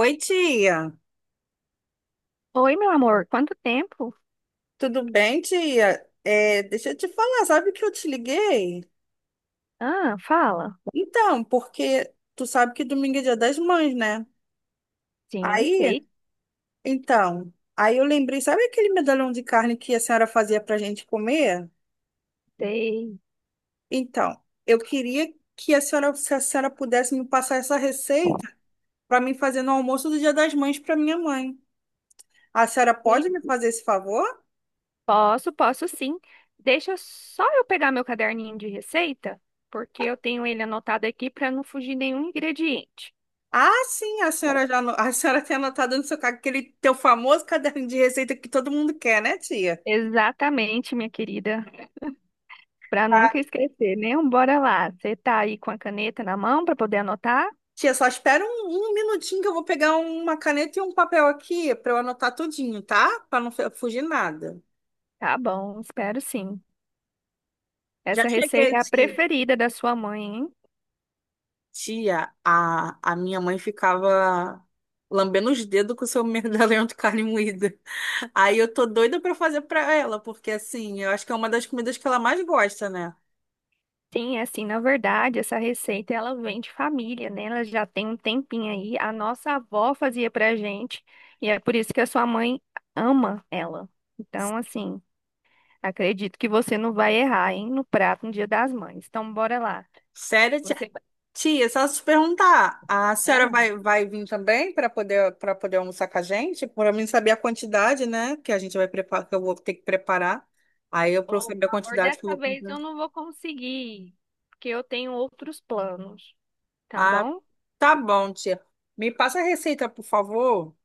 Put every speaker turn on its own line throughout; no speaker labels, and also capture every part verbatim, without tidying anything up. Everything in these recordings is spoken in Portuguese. Oi, tia.
Oi, meu amor, quanto tempo?
Tudo bem, tia? É, deixa eu te falar, sabe que eu te liguei?
Ah, fala.
Então, porque tu sabe que domingo é Dia das Mães, né?
Sim,
Aí,
sei,
então, aí eu lembrei, sabe aquele medalhão de carne que a senhora fazia pra gente comer?
sei.
Então, eu queria que a senhora, se a senhora pudesse me passar essa receita para mim fazer no almoço do Dia das Mães para minha mãe. A senhora
Sim,
pode me fazer esse favor?
posso, posso sim. Deixa só eu pegar meu caderninho de receita, porque eu tenho ele anotado aqui para não fugir nenhum ingrediente.
Ah, sim, a senhora já, ano- a senhora tem anotado no seu caderno aquele teu famoso caderno de receita que todo mundo quer, né, tia?
Exatamente, minha querida, para nunca
Tá?
esquecer, né? Um Bora lá. Você tá aí com a caneta na mão para poder anotar?
Tia, só espera um, um minutinho que eu vou pegar um, uma caneta e um papel aqui para eu anotar tudinho, tá? Para não fe- fugir nada.
Tá bom, espero sim.
Já
Essa receita
cheguei,
é a
tia.
preferida da sua mãe, hein?
Tia, a, a minha mãe ficava lambendo os dedos com o seu medalhão de carne moída. Aí eu tô doida para fazer para ela, porque assim, eu acho que é uma das comidas que ela mais gosta, né?
Sim, é assim, na verdade, essa receita ela vem de família, né? Ela já tem um tempinho aí. A nossa avó fazia pra gente e é por isso que a sua mãe ama ela. Então, assim, acredito que você não vai errar, hein, no prato no Dia das Mães. Então, bora lá.
Sério, tia?
Você,
Tia, só se perguntar, a senhora
ah,
vai, vai vir também para poder para poder almoçar com a gente? Para mim saber a quantidade, né, que a gente vai preparar, que eu vou ter que preparar. Aí eu para eu
oh, pelo
saber a
amor,
quantidade que eu
dessa
vou
vez
comprar.
eu não vou conseguir, porque eu tenho outros planos, tá
Ah,
bom?
tá bom, tia. Me passa a receita, por favor.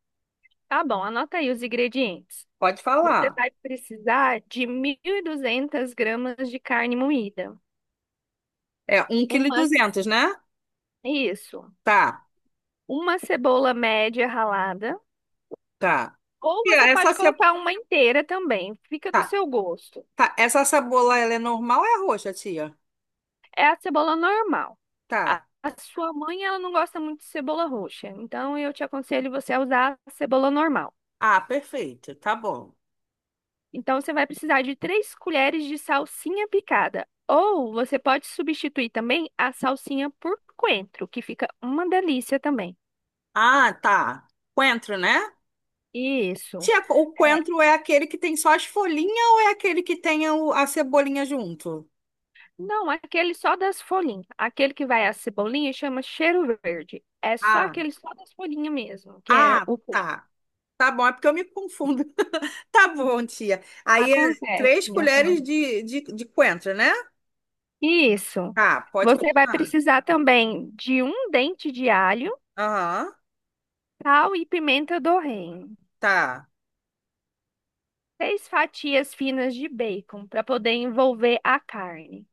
Tá bom, anota aí os ingredientes.
Pode
Você
falar.
vai precisar de mil e duzentas gramas de carne moída.
É um
Uma,
1,2 kg, né?
isso.
Tá,
Uma cebola média ralada.
tá.
Ou
Tia,
você pode
essa ce-
colocar uma inteira também. Fica do
tá,
seu gosto.
tá. Essa cebola ela é normal ou é roxa, tia?
É a cebola normal. A,
Tá.
a sua mãe, ela não gosta muito de cebola roxa. Então, eu te aconselho você a usar a cebola normal.
Ah, perfeito. Tá bom.
Então, você vai precisar de três colheres de salsinha picada. Ou você pode substituir também a salsinha por coentro, que fica uma delícia também.
Ah, tá. Coentro, né?
Isso.
Tia, o
é,
coentro é aquele que tem só as folhinhas ou é aquele que tem o- a cebolinha junto?
Não, aquele só das folhinhas. Aquele que vai a cebolinha chama cheiro verde. É só
Ah,
aquele só das folhinhas mesmo, que é
ah,
o peito.
tá. Tá bom, é porque eu me confundo. Tá bom, tia. Aí é
Acontece,
três
minha flor.
colheres de, de, de coentro, né?
Isso.
Tá, pode
Você vai
continuar.
precisar também de um dente de alho,
Aham,
sal e pimenta do reino.
tá.
Seis fatias finas de bacon para poder envolver a carne.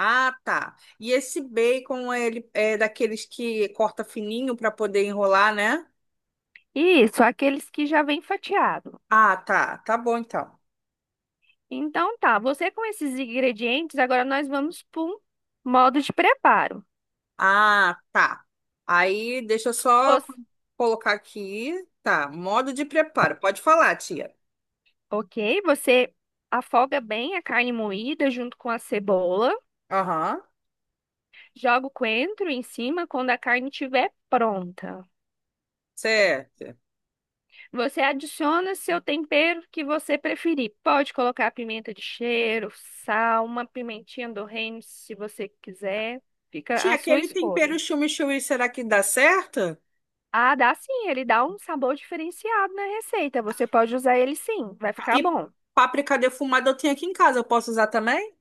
Ah, tá. E esse bacon, ele é daqueles que corta fininho para poder enrolar, né?
Isso, aqueles que já vem fatiado.
Ah, tá. Tá bom, então.
Então tá, você com esses ingredientes, agora nós vamos para um modo de preparo.
Ah, tá. Aí deixa eu só colocar aqui. Tá, modo de preparo. Pode falar, tia.
Ok, você afoga bem a carne moída junto com a cebola,
Aham,
joga o coentro em cima quando a carne estiver pronta.
certo.
Você adiciona seu tempero que você preferir. Pode colocar pimenta de cheiro, sal, uma pimentinha do reino, se você quiser. Fica
Tia,
à sua
aquele
escolha.
tempero chimichurri, será que dá certo?
Ah, dá sim, ele dá um sabor diferenciado na receita. Você pode usar ele sim, vai
Tá,
ficar
e
bom.
páprica defumada eu tenho aqui em casa, eu posso usar também?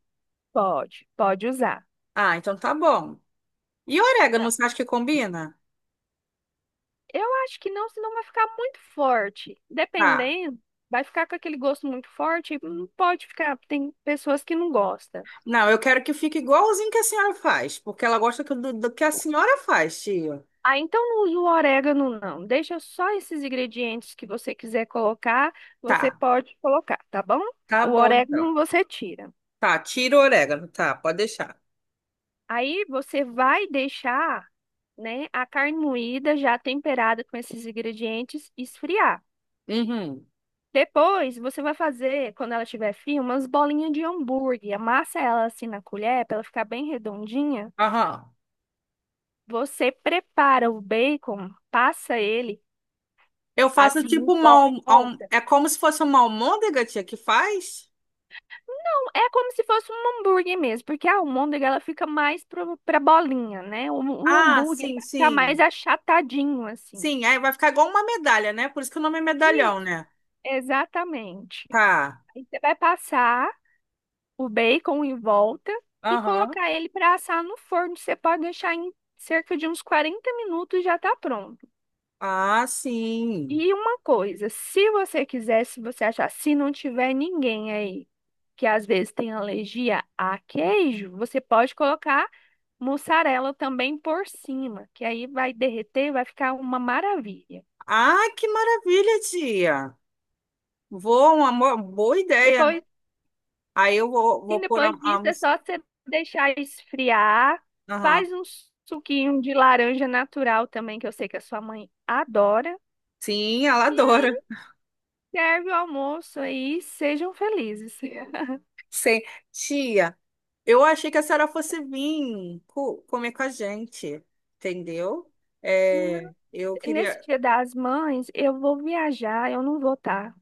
Pode, pode usar.
Ah, então tá bom. E orégano, você acha que combina?
Eu acho que não, senão vai ficar muito forte.
Tá.
Dependendo, vai ficar com aquele gosto muito forte. e Não pode ficar. Tem pessoas que não gostam.
Não, eu quero que fique igualzinho que a senhora faz, porque ela gosta que- do, do que a senhora faz, tia.
Ah, então não usa o orégano, não. Deixa só esses ingredientes que você quiser colocar, você
Tá,
pode colocar, tá bom?
tá
O
bom então.
orégano você tira.
Tá, tira o orégano, tá, pode deixar.
Aí você vai deixar, né, a carne moída já temperada com esses ingredientes esfriar.
Uhum.
Depois, você vai fazer, quando ela estiver fria, umas bolinhas de hambúrguer. Amassa ela assim na colher para ela ficar bem redondinha.
Aham.
Você prepara o bacon, passa ele
Eu faço
assim
tipo
em
uma. alm- alm-
volta.
É como se fosse uma almôndega, tia, que faz?
É como se fosse um hambúrguer mesmo, porque a almôndega ela fica mais pro, pra bolinha, né? O, o
Ah,
hambúrguer ele
sim,
vai ficar mais
sim.
achatadinho assim.
Sim, aí vai ficar igual uma medalha, né? Por isso que o nome é medalhão,
Isso,
né?
exatamente.
Tá.
Aí você vai passar o bacon em volta e
Aham.
colocar ele para assar no forno. Você pode deixar em cerca de uns quarenta minutos já tá pronto.
Ah, sim.
E uma coisa, se você quiser, se você achar, se não tiver ninguém aí que às vezes tem alergia a queijo, você pode colocar mussarela também por cima, que aí vai derreter, vai ficar uma maravilha.
Ah, que maravilha, tia. Vou, uma mo- boa ideia.
Depois
Aí eu vou, vou
sim,
pôr
depois
a, a
disso é
mus-
só você deixar esfriar.
Aham.
Faz um suquinho de laranja natural também, que eu sei que a sua mãe adora.
Sim, ela
E
adora.
serve o almoço aí, sejam felizes.
Sim. Tia, eu achei que a senhora fosse vir co- comer com a gente, entendeu?
Não-
É, eu
Nesse
queria.
Dia das Mães, eu vou viajar, eu não vou estar.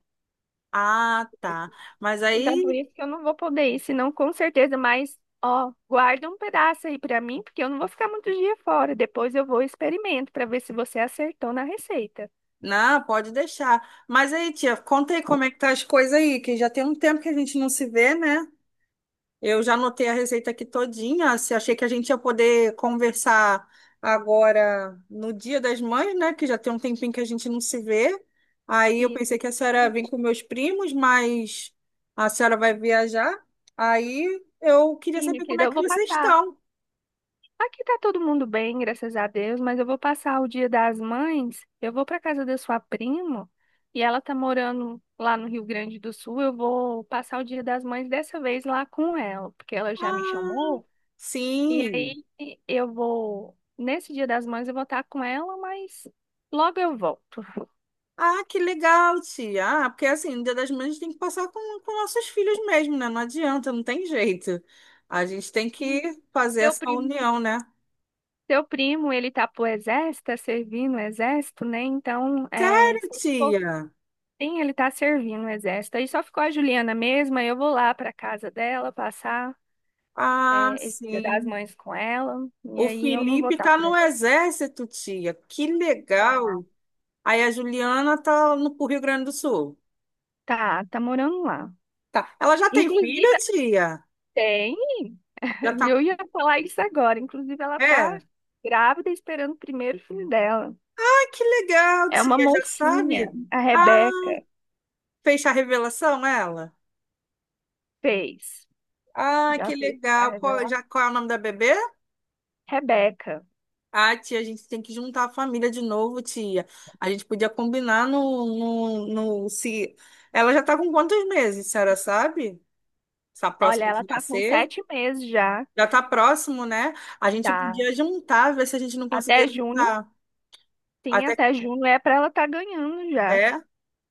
Ah, tá. Mas
Então, por
aí,
isso que eu não vou poder ir, senão com certeza, mas ó, guarda um pedaço aí pra mim, porque eu não vou ficar muito dia fora. Depois eu vou e experimento pra ver se você acertou na receita.
não, pode deixar. Mas aí, tia, conta aí como é que tá as coisas aí, que já tem um tempo que a gente não se vê, né? Eu já anotei a receita aqui todinha. Se achei que a gente ia poder conversar agora no Dia das Mães, né? Que já tem um tempinho que a gente não se vê. Aí eu
E,
pensei que a senhora vem com meus primos, mas a senhora vai viajar. Aí eu queria
sim, minha
saber como
querida,
é
eu
que
vou
vocês
passar
estão.
aqui tá todo mundo bem, graças a Deus, mas eu vou passar o Dia das Mães. Eu vou para casa da sua prima e ela tá morando lá no Rio Grande do Sul. Eu vou passar o Dia das Mães dessa vez lá com ela, porque ela já me
Ah,
chamou. E
sim.
aí eu vou nesse Dia das Mães eu vou estar com ela, mas logo eu volto.
Ah, que legal, tia. Ah, porque assim, no Dia das Mães a gente tem que passar com, com nossos filhos mesmo, né? Não adianta, não tem jeito. A gente tem
E
que fazer
Seu
essa
primo,
união, né?
seu primo, ele tá pro exército, tá servindo o exército, né? Então, é, se
Sério,
eu for
tia?
Sim, ele tá servindo o exército. Aí só ficou a Juliana mesma. Eu vou lá pra casa dela passar
Ah,
é, esse Dia das
sim.
Mães com ela. E
O
aí eu não vou
Felipe
estar
tá
por
no
aqui.
exército, tia. Que
Tá,
legal. Aí a Juliana tá no pro Rio Grande do Sul.
tá, tá morando lá.
Tá. Ela já tem filho,
Inclusive,
tia?
tem.
Já tá.
Eu ia falar isso agora. Inclusive, ela tá
É.
grávida esperando o primeiro filho dela.
Ah, que legal,
É uma
tia. Já
mocinha.
sabe?
A
Ah,
Rebeca
fez a revelação, ela?
fez.
Ah,
Já
que
fez a
legal. Qual,
revelação.
já, qual é o nome da bebê?
Rebeca.
Ah, tia, a gente tem que juntar a família de novo, tia. A gente podia combinar no, no, no- se... Ela já tá com quantos meses, a senhora sabe? Está
Olha,
próxima
ela
de
tá com
nascer?
sete meses já.
Já tá próximo, né? A gente
Tá.
podia juntar, ver se a gente não conseguia
Até junho.
juntar.
Sim,
Até que
até junho é para ela estar ganhando já.
é.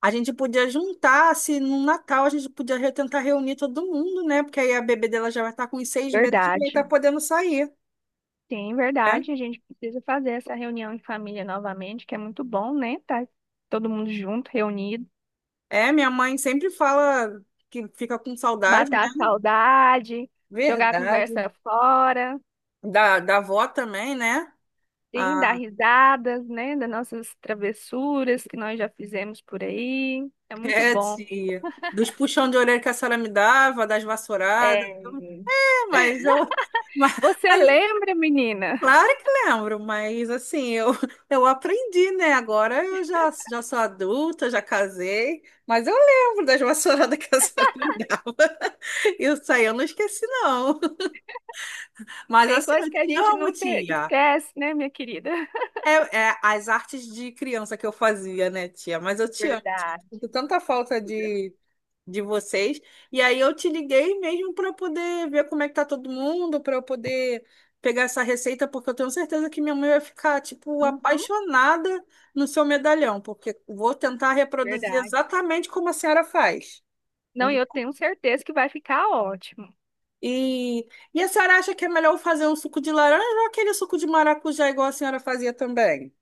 A gente podia juntar, se no Natal a gente podia re- tentar reunir todo mundo, né? Porque aí a bebê dela já vai estar com uns seis meses e vai estar
Verdade.
podendo sair,
Sim,
né?
verdade. A gente precisa fazer essa reunião em família novamente, que é muito bom, né? Tá todo mundo junto, reunido,
É, minha mãe sempre fala que fica com saudade, né?
matar a saudade, jogar a
Verdade.
conversa fora,
Da, da avó também, né?
sim, dar
Ah,
risadas, né? Das nossas travessuras que nós já fizemos por aí. É muito
é,
bom.
tia. Dos puxão de orelha que a senhora me dava, das vassouradas.
É,
É, mas eu. Mas,
você
mas
lembra, menina?
claro que lembro, mas assim, eu, eu aprendi, né? Agora eu já, já sou adulta, já casei, mas eu lembro das vassouradas que a senhora me dava. Isso aí eu não esqueci, não. Mas
Tem
assim,
coisa
eu
que a
te
gente
amo,
nunca
tia.
esquece, né, minha querida?
É, é as artes de criança que eu fazia, né, tia? Mas eu te amo, tia.
Verdade.
Sinto tanta falta de, de vocês. E aí eu te liguei mesmo para poder ver como é que tá todo mundo, para eu poder pegar essa receita, porque eu tenho certeza que minha mãe vai ficar, tipo,
Uhum,
apaixonada no seu medalhão, porque vou tentar reproduzir
verdade.
exatamente como a senhora faz.
Não, e eu tenho certeza que vai ficar ótimo.
E, e a senhora acha que é melhor eu fazer um suco de laranja ou aquele suco de maracujá igual a senhora fazia também?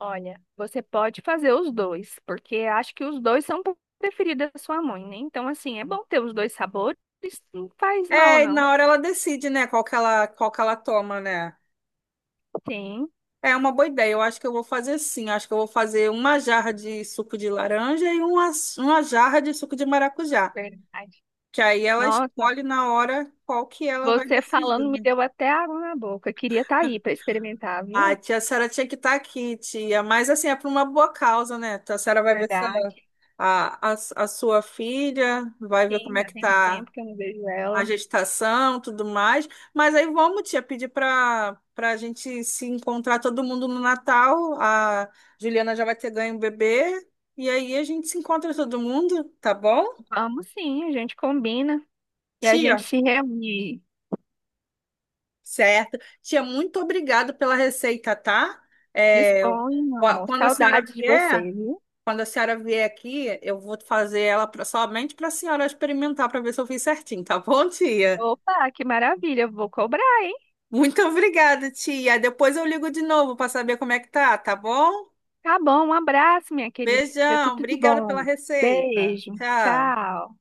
Olha, você pode fazer os dois, porque acho que os dois são preferidos da sua mãe, né? Então, assim, é bom ter os dois sabores, não faz mal,
É, e
não.
na hora ela decide, né, qual que ela, qual que ela toma, né?
Sim,
É uma boa ideia. Eu acho que eu vou fazer assim. Acho que eu vou fazer uma jarra de suco de laranja e uma, uma jarra de suco de maracujá.
verdade.
Que aí ela
Nossa,
escolhe na hora qual que ela vai
você
decidir,
falando me
né?
deu até água na boca. Queria estar aí para experimentar,
Ah,
viu?
Tia Sara tinha que estar aqui, tia. Mas assim, é por uma boa causa, né? Tia Sara vai ver se
Verdade.
a, a, a sua filha, vai ver
Sim,
como é
já
que
tem um
tá
tempo que eu não vejo
a
ela.
gestação, tudo mais. Mas aí vamos, tia, pedir para para a gente se encontrar todo mundo no Natal. A Juliana já vai ter ganho o bebê. E aí a gente se encontra todo mundo, tá bom?
Vamos sim, a gente combina e a
Tia,
gente se reúne.
certo. Tia, muito obrigada pela receita, tá? É,
Dispõe, meu
ó,
amor.
quando a senhora
Saudades de você,
vier,
viu?
quando a senhora vier aqui, eu vou fazer ela pra- somente para a senhora experimentar para ver se eu fiz certinho, tá bom, tia?
Opa, que maravilha. Eu vou cobrar, hein?
Muito obrigada, tia. Depois eu ligo de novo para saber como é que tá, tá bom?
Tá bom, um abraço, minha querida.
Beijão,
Tudo de
obrigada pela
bom.
receita.
Beijo.
Tchau.
Tchau.